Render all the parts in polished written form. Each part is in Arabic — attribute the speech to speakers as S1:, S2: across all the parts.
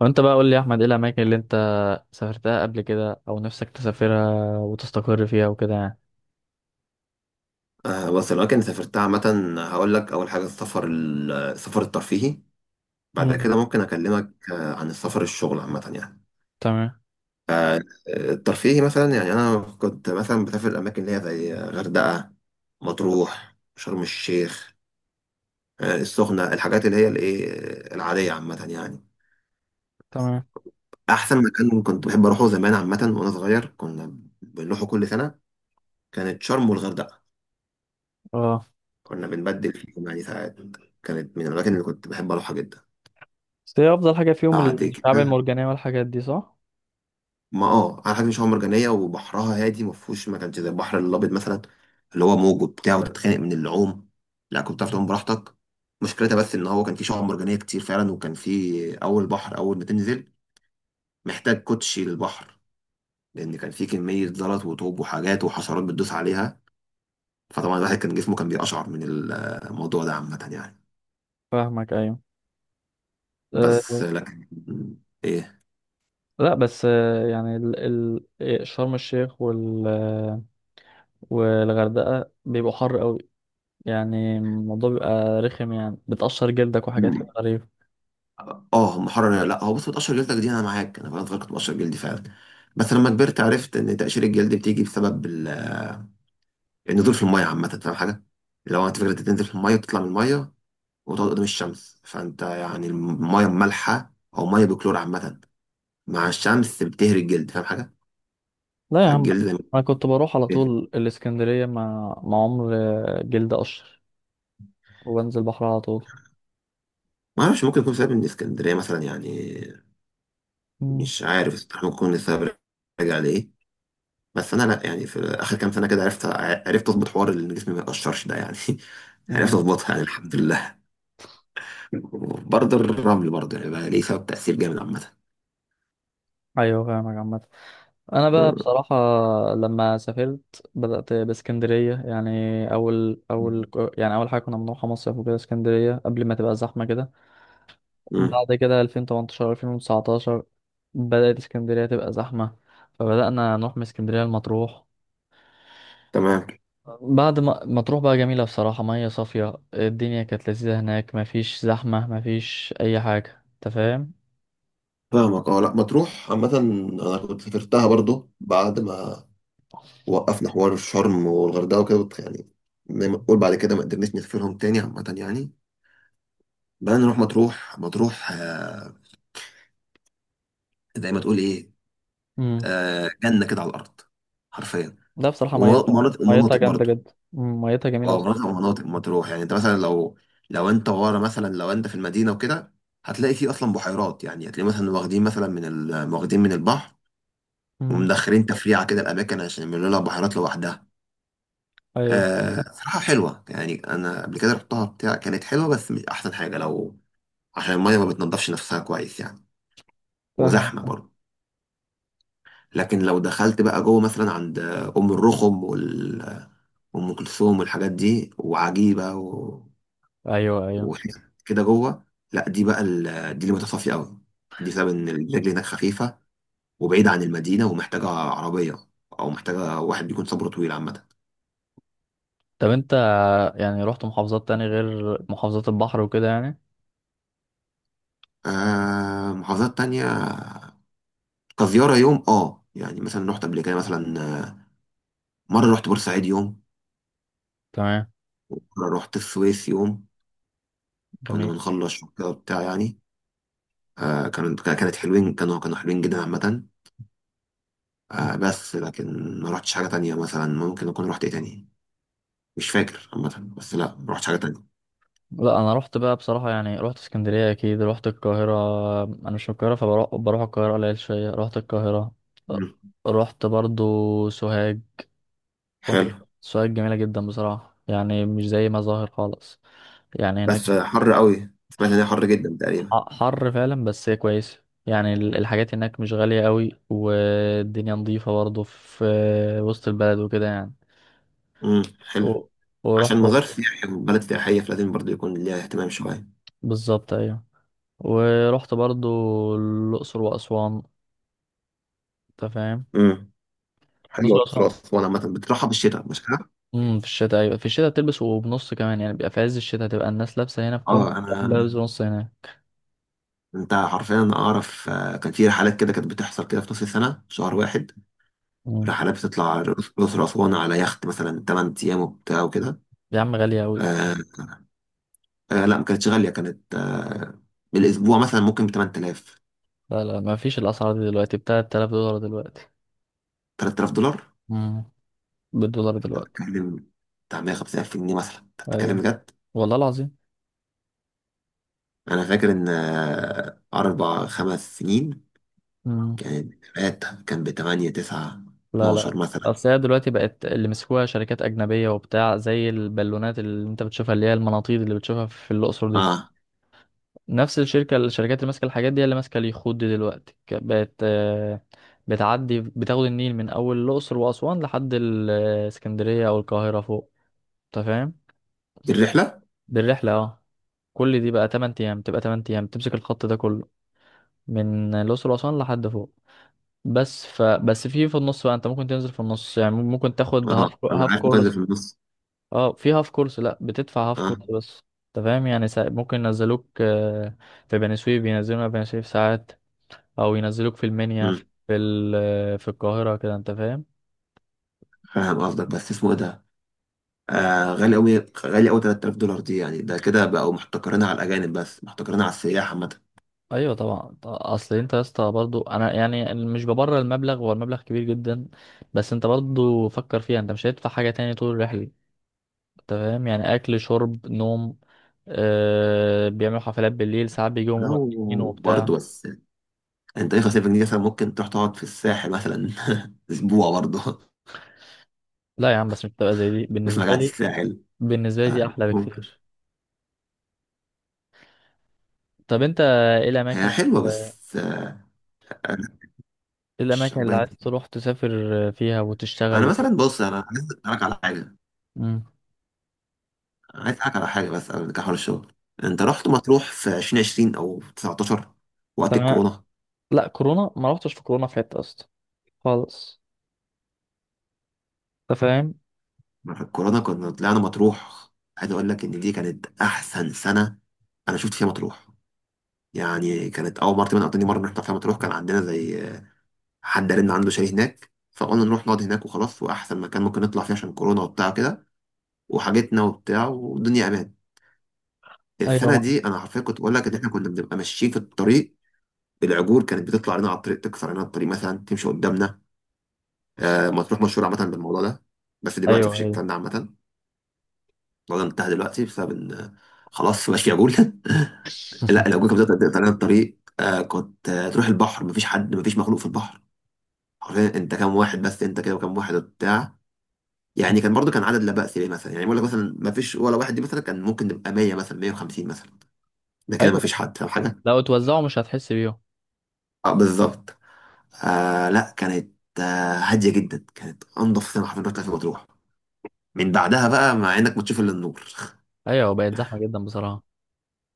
S1: وانت بقى قول لي يا احمد، ايه الاماكن اللي انت سافرتها قبل كده او نفسك تسافرها وتستقر فيها وكده يعني؟
S2: بص الأماكن اللي سافرتها عامة هقول لك أول حاجة السفر السفر الترفيهي. بعد
S1: مم.
S2: كده ممكن أكلمك عن السفر الشغل عامة يعني.
S1: تمام
S2: الترفيهي مثلا يعني أنا كنت مثلا بسافر الأماكن اللي هي زي غردقة، مطروح، شرم الشيخ، السخنة، الحاجات اللي هي الإيه العادية عامة يعني.
S1: تمام.
S2: أحسن مكان كنت بحب أروحه زمان عامة وأنا صغير كنا بنروحه كل سنة كانت شرم والغردقة.
S1: اه،
S2: كنا بنبدل فيهم يعني ساعات، كانت من الأماكن اللي كنت بحب أروحها جدا.
S1: بس هي افضل حاجه فيهم
S2: بعد
S1: الشعاب
S2: كده
S1: المرجانيه والحاجات دي، صح؟
S2: ما اه على حاجه مش مرجانيه، وبحرها هادي ما فيهوش، ما كانش زي البحر الابيض مثلا اللي هو موج وبتاع وتتخانق من اللعوم. لا كنت بتعرف
S1: مم.
S2: تعوم براحتك. مشكلتها بس ان هو كان في شعاب مرجانيه كتير فعلا، وكان في اول بحر اول ما تنزل محتاج كوتشي للبحر، لان كان في كميه زلط وطوب وحاجات وحشرات بتدوس عليها. فطبعا الواحد كان جسمه كان بيقشعر من الموضوع ده عامه يعني.
S1: فاهمك ايوه. أه،
S2: بس لكن ايه.
S1: لا بس يعني ال شرم الشيخ وال والغردقه بيبقوا حر قوي. يعني الموضوع بيبقى رخم، يعني بتقشر جلدك وحاجات كده غريبه.
S2: اه محرر ولا لا، هو بص بتقشر جلدك دي انا معاك، انا وانا صغير كنت بقشر جلدي فعلا. بس لما كبرت عرفت ان تقشير الجلد بتيجي بسبب النزول في الميه عامه. فاهم حاجه؟ لو انت فكره تنزل في الميه وتطلع من الميه وتقعد قدام الشمس، فانت يعني الميه المالحه او ميه بكلور عامه مع الشمس بتهري الجلد. فاهم حاجه؟
S1: لا يا عم،
S2: فالجلد زي ما
S1: انا كنت بروح على
S2: بيتهري.
S1: طول الاسكندريه مع عمر، جلد قشر وبنزل البحر على طول.
S2: ما اعرفش، ممكن يكون سبب من اسكندريه مثلا يعني.
S1: مم.
S2: مش عارف ممكن يكون السبب راجع لايه. بس انا لا، يعني في اخر كام سنه كده عرفت، عرفت اظبط حوار ان جسمي ما يتقشرش ده يعني. عرفت
S1: مم.
S2: اظبطها يعني الحمد لله. برضه الرمل برضه يعني بقى ليه سبب تاثير جامد عامه.
S1: ايوه فاهمك عامة. انا بقى
S2: مم.
S1: بصراحة لما سافرت بدأت باسكندرية يعني، اول يعني اول حاجة كنا بنروحها مصيف وكده اسكندرية قبل ما تبقى زحمة كده.
S2: مم.
S1: بعد كده 2018 2019 بدأت اسكندرية تبقى زحمة، فبدأنا نروح من اسكندرية لمطروح.
S2: تمام.
S1: بعد ما مطروح بقى جميلة بصراحة، مية صافية، الدنيا كانت لذيذة هناك، مفيش زحمة، مفيش أي حاجة، أنت فاهم؟
S2: فاهمك اه. لا مطروح عامة أنا كنت سافرتها برضو بعد ما وقفنا حوار الشرم والغردقة وكده يعني زي ما تقول بعد كده ما قدرناش نسافرهم تاني عامة يعني. بقى نروح مطروح، مطروح. زي ما تقول إيه،
S1: مم.
S2: جنة كده على الأرض، حرفيا.
S1: لا بصراحة، ميتها
S2: ومناطق
S1: ميتها
S2: ومناطق
S1: جامدة
S2: برضو.
S1: جدا، ميتها جميلة
S2: اه
S1: بصراحة.
S2: مناطق ومناطق مطروح يعني انت مثلا لو لو انت ورا مثلا، لو انت في المدينه وكده هتلاقي فيه اصلا بحيرات. يعني هتلاقي مثلا واخدين مثلا واخدين من البحر
S1: مم.
S2: ومدخلين تفريعه كده الاماكن عشان يعملوا لها بحيرات لوحدها.
S1: أيوه
S2: آه صراحه حلوه، يعني انا قبل كده رحتها بتاع كانت حلوه بس مش احسن حاجه، لو عشان الميه ما بتنضفش نفسها كويس يعني،
S1: فاهمك
S2: وزحمه
S1: آه.
S2: برضه. لكن لو دخلت بقى جوه مثلا عند ام الرخم وام كلثوم والحاجات دي وعجيبه،
S1: ايوه ايوه.
S2: واحنا كده جوه. لا دي بقى ال... دي اللي متصافية قوي. دي بسبب ان الرجل هناك خفيفة وبعيدة عن المدينة ومحتاجة عربية، او محتاجة واحد بيكون صبره طويل عامة.
S1: طب انت يعني رحت محافظات تاني غير محافظات البحر وكده يعني؟
S2: آه محافظات تانية كزيارة يوم اه، يعني مثلا رحت قبل كده مثلا مرة رحت بورسعيد يوم،
S1: تمام.
S2: ومرة رحت السويس يوم. كنا
S1: جميل.
S2: بنخلص كده وبتاع يعني. آه كانت حلوين، كانوا حلوين جدا عامة.
S1: مم.
S2: آه بس لكن ما رحتش حاجة تانية، مثلا ممكن أكون رحت إيه تاني، مش فاكر عامة. بس لا ما رحتش حاجة تانية.
S1: لا انا رحت بقى بصراحه يعني، رحت اسكندريه اكيد، رحت القاهره. انا مش من القاهره، فبروح القاهره قليل شويه، رحت القاهره. رحت برضو سوهاج. رحت
S2: حلو.
S1: سوهاج جميله جدا بصراحه، يعني مش زي ما ظاهر خالص يعني. هناك
S2: بس حر قوي، سمعت ان هي حر جدا تقريبا.
S1: حر فعلا، بس هي كويسة، يعني الحاجات هناك مش غالية قوي، والدنيا نظيفة برضه في وسط البلد وكده يعني.
S2: امم.
S1: و...
S2: حلو، عشان
S1: ورحت،
S2: مزار سياحي وبلد سياحيه فلازم برضه يكون ليها اهتمام شويه.
S1: بالظبط ايوه. ورحت برضه الأقصر وأسوان، انت فاهم؟
S2: امم. حلو،
S1: الأقصر
S2: الأقصر
S1: وأسوان،
S2: وأسوان عامة بتروحها بالشتاء مش كده؟
S1: في الشتاء، ايوه في الشتاء بتلبس وبنص كمان، يعني بيبقى في عز الشتاء تبقى الناس لابسة هنا في كم،
S2: اه
S1: لابس
S2: انا،
S1: بنص هناك.
S2: انت حرفيا اعرف كان في رحلات كده كانت بتحصل كده في نص السنه في شهر واحد،
S1: امم
S2: رحلات بتطلع الاقصر واسوان على يخت مثلا 8 ايام وبتاع وكده.
S1: يا عم غالية قوي.
S2: آه. آه لا ما كانتش غاليه، كانت آه بالاسبوع مثلا ممكن ب 8,000.
S1: لا لا، ما فيش الأسعار دي دلوقتي، ب $3000 دلوقتي.
S2: 3000 دولار
S1: امم بالدولار
S2: أنت
S1: دلوقتي.
S2: بتتكلم، بتاع 150,000 جنيه مثلا أنت بتتكلم
S1: ايوه
S2: بجد.
S1: والله العظيم.
S2: أنا فاكر إن أربع خمس سنين
S1: مم.
S2: كانت الرحلات كان بتمانية تسعة
S1: لا لا،
S2: 12 مثلا.
S1: اصل هي دلوقتي بقت اللي مسكوها شركات اجنبيه وبتاع، زي البالونات اللي انت بتشوفها، اللي هي المناطيد اللي بتشوفها في الاقصر دي،
S2: أه.
S1: نفس الشركه الشركات اللي ماسكه الحاجات دي هي اللي ماسكه اليخوت دي دلوقتي، بقت، بتعدي بتاخد النيل من اول الاقصر واسوان لحد الاسكندريه او القاهره فوق، انت فاهم؟
S2: دي الرحلة.
S1: بالرحله اه. كل دي بقى 8 ايام، تبقى 8 ايام تمسك الخط ده كله من الاقصر واسوان لحد فوق. بس ف بس في النص بقى انت ممكن تنزل في النص، يعني ممكن تاخد
S2: أه أنا
S1: هاف
S2: عارف مكلف
S1: كورس.
S2: في النص.
S1: اه في هاف كورس، لا بتدفع هاف
S2: أه.
S1: كورس بس. انت فاهم يعني، ممكن ينزلوك، في بني سويف، ينزلونا في بني سويف ساعات، او ينزلوك في المنيا، في
S2: مم.
S1: ال... آه، في القاهرة كده، انت فاهم؟
S2: فاهم قصدك بس اسمه إيه ده. آه غالي أوي، غالي أوي 3000 دولار دي، يعني ده كده بقوا محتكرينها على الأجانب بس، محتكرينها على السياح عامة.
S1: ايوه طبعا، اصل انت يا اسطى برضو، انا يعني مش ببرر المبلغ، هو المبلغ كبير جدا، بس انت برضو فكر فيها، انت مش هتدفع حاجة تاني طول الرحلة، انت فاهم؟ يعني اكل شرب نوم. بيعملوا حفلات بالليل ساعات، بيجوا مغنيين
S2: لو برضه
S1: وبتاع.
S2: بس انت ايه 5,000 جنيه مثلا ممكن تروح تقعد في الساحل مثلا اسبوع برضه.
S1: لا يا عم، بس مش بتبقى زي دي
S2: مش
S1: بالنسبة
S2: مجاعة
S1: لي،
S2: الساحل.
S1: بالنسبة لي
S2: آه،
S1: دي احلى
S2: ممكن.
S1: بكتير. طب انت
S2: هي حلوة
S1: ايه
S2: بس أنا مش
S1: الاماكن اللي
S2: عجباني.
S1: عايز تروح تسافر فيها
S2: أنا
S1: وتشتغل؟
S2: مثلا بص، أنا عايز أسألك على حاجة،
S1: امم
S2: أنا عايز أسألك على حاجة بس قبل كحول الشغل. أنت رحت مطروح في 2020 أو 19 وقت
S1: تمام.
S2: الكورونا؟
S1: لا كورونا ما رحتش في كورونا في حته اصلا خالص، انت فاهم؟
S2: في الكورونا كنا طلعنا مطروح، عايز أقول لك إن دي كانت أحسن سنة أنا شفت فيها مطروح. يعني كانت أول مرة تقريباً أو تاني مرة نروح فيها مطروح. كان عندنا زي حد قال إن عنده شاليه هناك فقلنا نروح نقعد هناك وخلاص، وأحسن مكان ممكن نطلع فيه عشان كورونا وبتاع كده وحاجتنا وبتاع والدنيا أمان.
S1: ايوه
S2: السنه
S1: ما.
S2: دي انا حرفيا كنت بقول لك ان احنا كنا بنبقى ماشيين في الطريق، العجول كانت بتطلع لنا على الطريق تكسر لنا الطريق مثلا، تمشي قدامنا. آه مطروح مشهور عامه بالموضوع ده، بس دلوقتي
S1: ايوه
S2: مفيش
S1: ايوه.
S2: الكلام ده عامه. الموضوع ده انتهى دلوقتي بسبب ان خلاص مبقاش في عجول. لا العجول كانت بتقطع لنا الطريق. آه كنت آه تروح البحر مفيش حد، مفيش مخلوق في البحر، حرفيا انت كام واحد بس، انت كده وكام واحد وبتاع.
S1: مم.
S2: يعني كان برضو كان عدد لا بأس بيه مثلا، يعني بقول لك مثلا مفيش ولا واحد دي مثلا، كان ممكن نبقى 100 مثلا، 150 مثلا. ده كده
S1: ايوه
S2: مفيش حد فاهم حاجه؟
S1: لو اتوزعوا مش هتحس بيهم.
S2: اه بالظبط. آه لا كانت آه هاديه جدا، كانت انضف سينما حرفيا رحت في مطروح، من بعدها بقى مع انك بتشوف الا النور.
S1: ايوه بقت زحمه جدا بصراحه.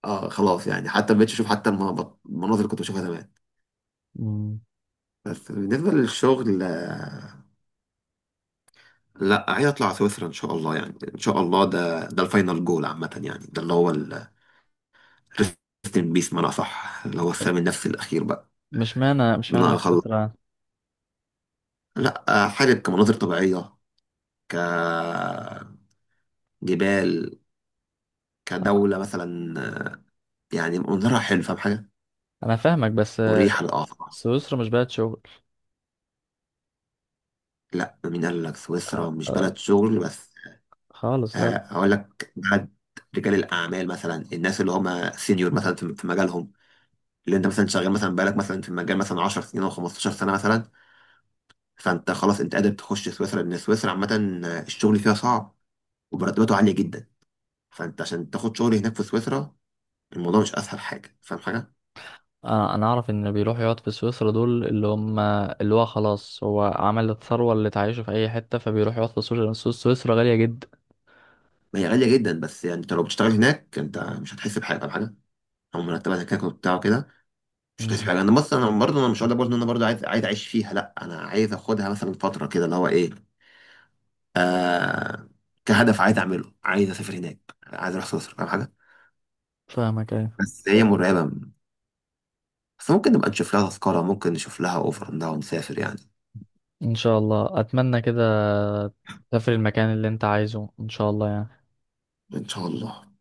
S2: اه خلاص يعني حتى ما بقتش اشوف حتى المناظر، اللي كنت بشوفها زمان.
S1: مم.
S2: بس بالنسبه للشغل آه، لا عايز اطلع سويسرا ان شاء الله. يعني ان شاء الله ده الفاينل جول عامه، يعني ده اللي هو الريست ان بيس، معنى صح اللي هو السلام النفسي الاخير بقى،
S1: مش
S2: ان
S1: معنى
S2: انا اخلص.
S1: الفكره.
S2: لا آه حابب كمناظر طبيعيه، كجبال، كدوله مثلا، يعني منظرها حلو فاهم حاجه،
S1: انا فاهمك، بس
S2: مريحة للأعصاب.
S1: سويسرا مش بلد شغل
S2: لا مين قال لك سويسرا مش بلد شغل بس؟
S1: خالص، لا.
S2: هقول لك بلد رجال الأعمال مثلا، الناس اللي هم سينيور مثلا في مجالهم، اللي انت مثلا شغال مثلا بقالك مثلا في المجال مثلا 10 سنين او 15 سنة مثلا، فانت خلاص انت قادر تخش سويسرا. لأن سويسرا عامة الشغل فيها صعب ومرتباته عالية جدا، فانت عشان تاخد شغل هناك في سويسرا الموضوع مش أسهل حاجة فاهم حاجة؟
S1: انا اعرف ان اللي بيروحوا يقعد في سويسرا دول اللي هم اللي هو خلاص هو عمل الثروه اللي تعيشه في اي حته، فبيروح يقعد في سويسرا، سويسرا غاليه جدا.
S2: ما هي غالية جدا، بس يعني انت لو بتشتغل هناك انت مش هتحس بحاجة فاهم حاجة؟ او مرتبات هناك وبتاع كده. مش عايز
S1: مم.
S2: حاجه انا، بص انا برضه، انا مش هقول لك برضه ان انا برضه عايز، اعيش فيها لا، انا عايز اخدها مثلا فتره كده اللي هو ايه، آه كهدف عايز اعمله، عايز اسافر هناك، عايز اروح سويسرا فاهم حاجه.
S1: فاهمك ايه.
S2: بس هي مرعبه، بس ممكن نبقى نشوف لها تذكره، ممكن نشوف لها اوفر انها ونسافر يعني.
S1: ان شاء الله اتمنى كده، تسافر المكان اللي انت عايزه ان شاء الله يعني.
S2: ان شاء الله.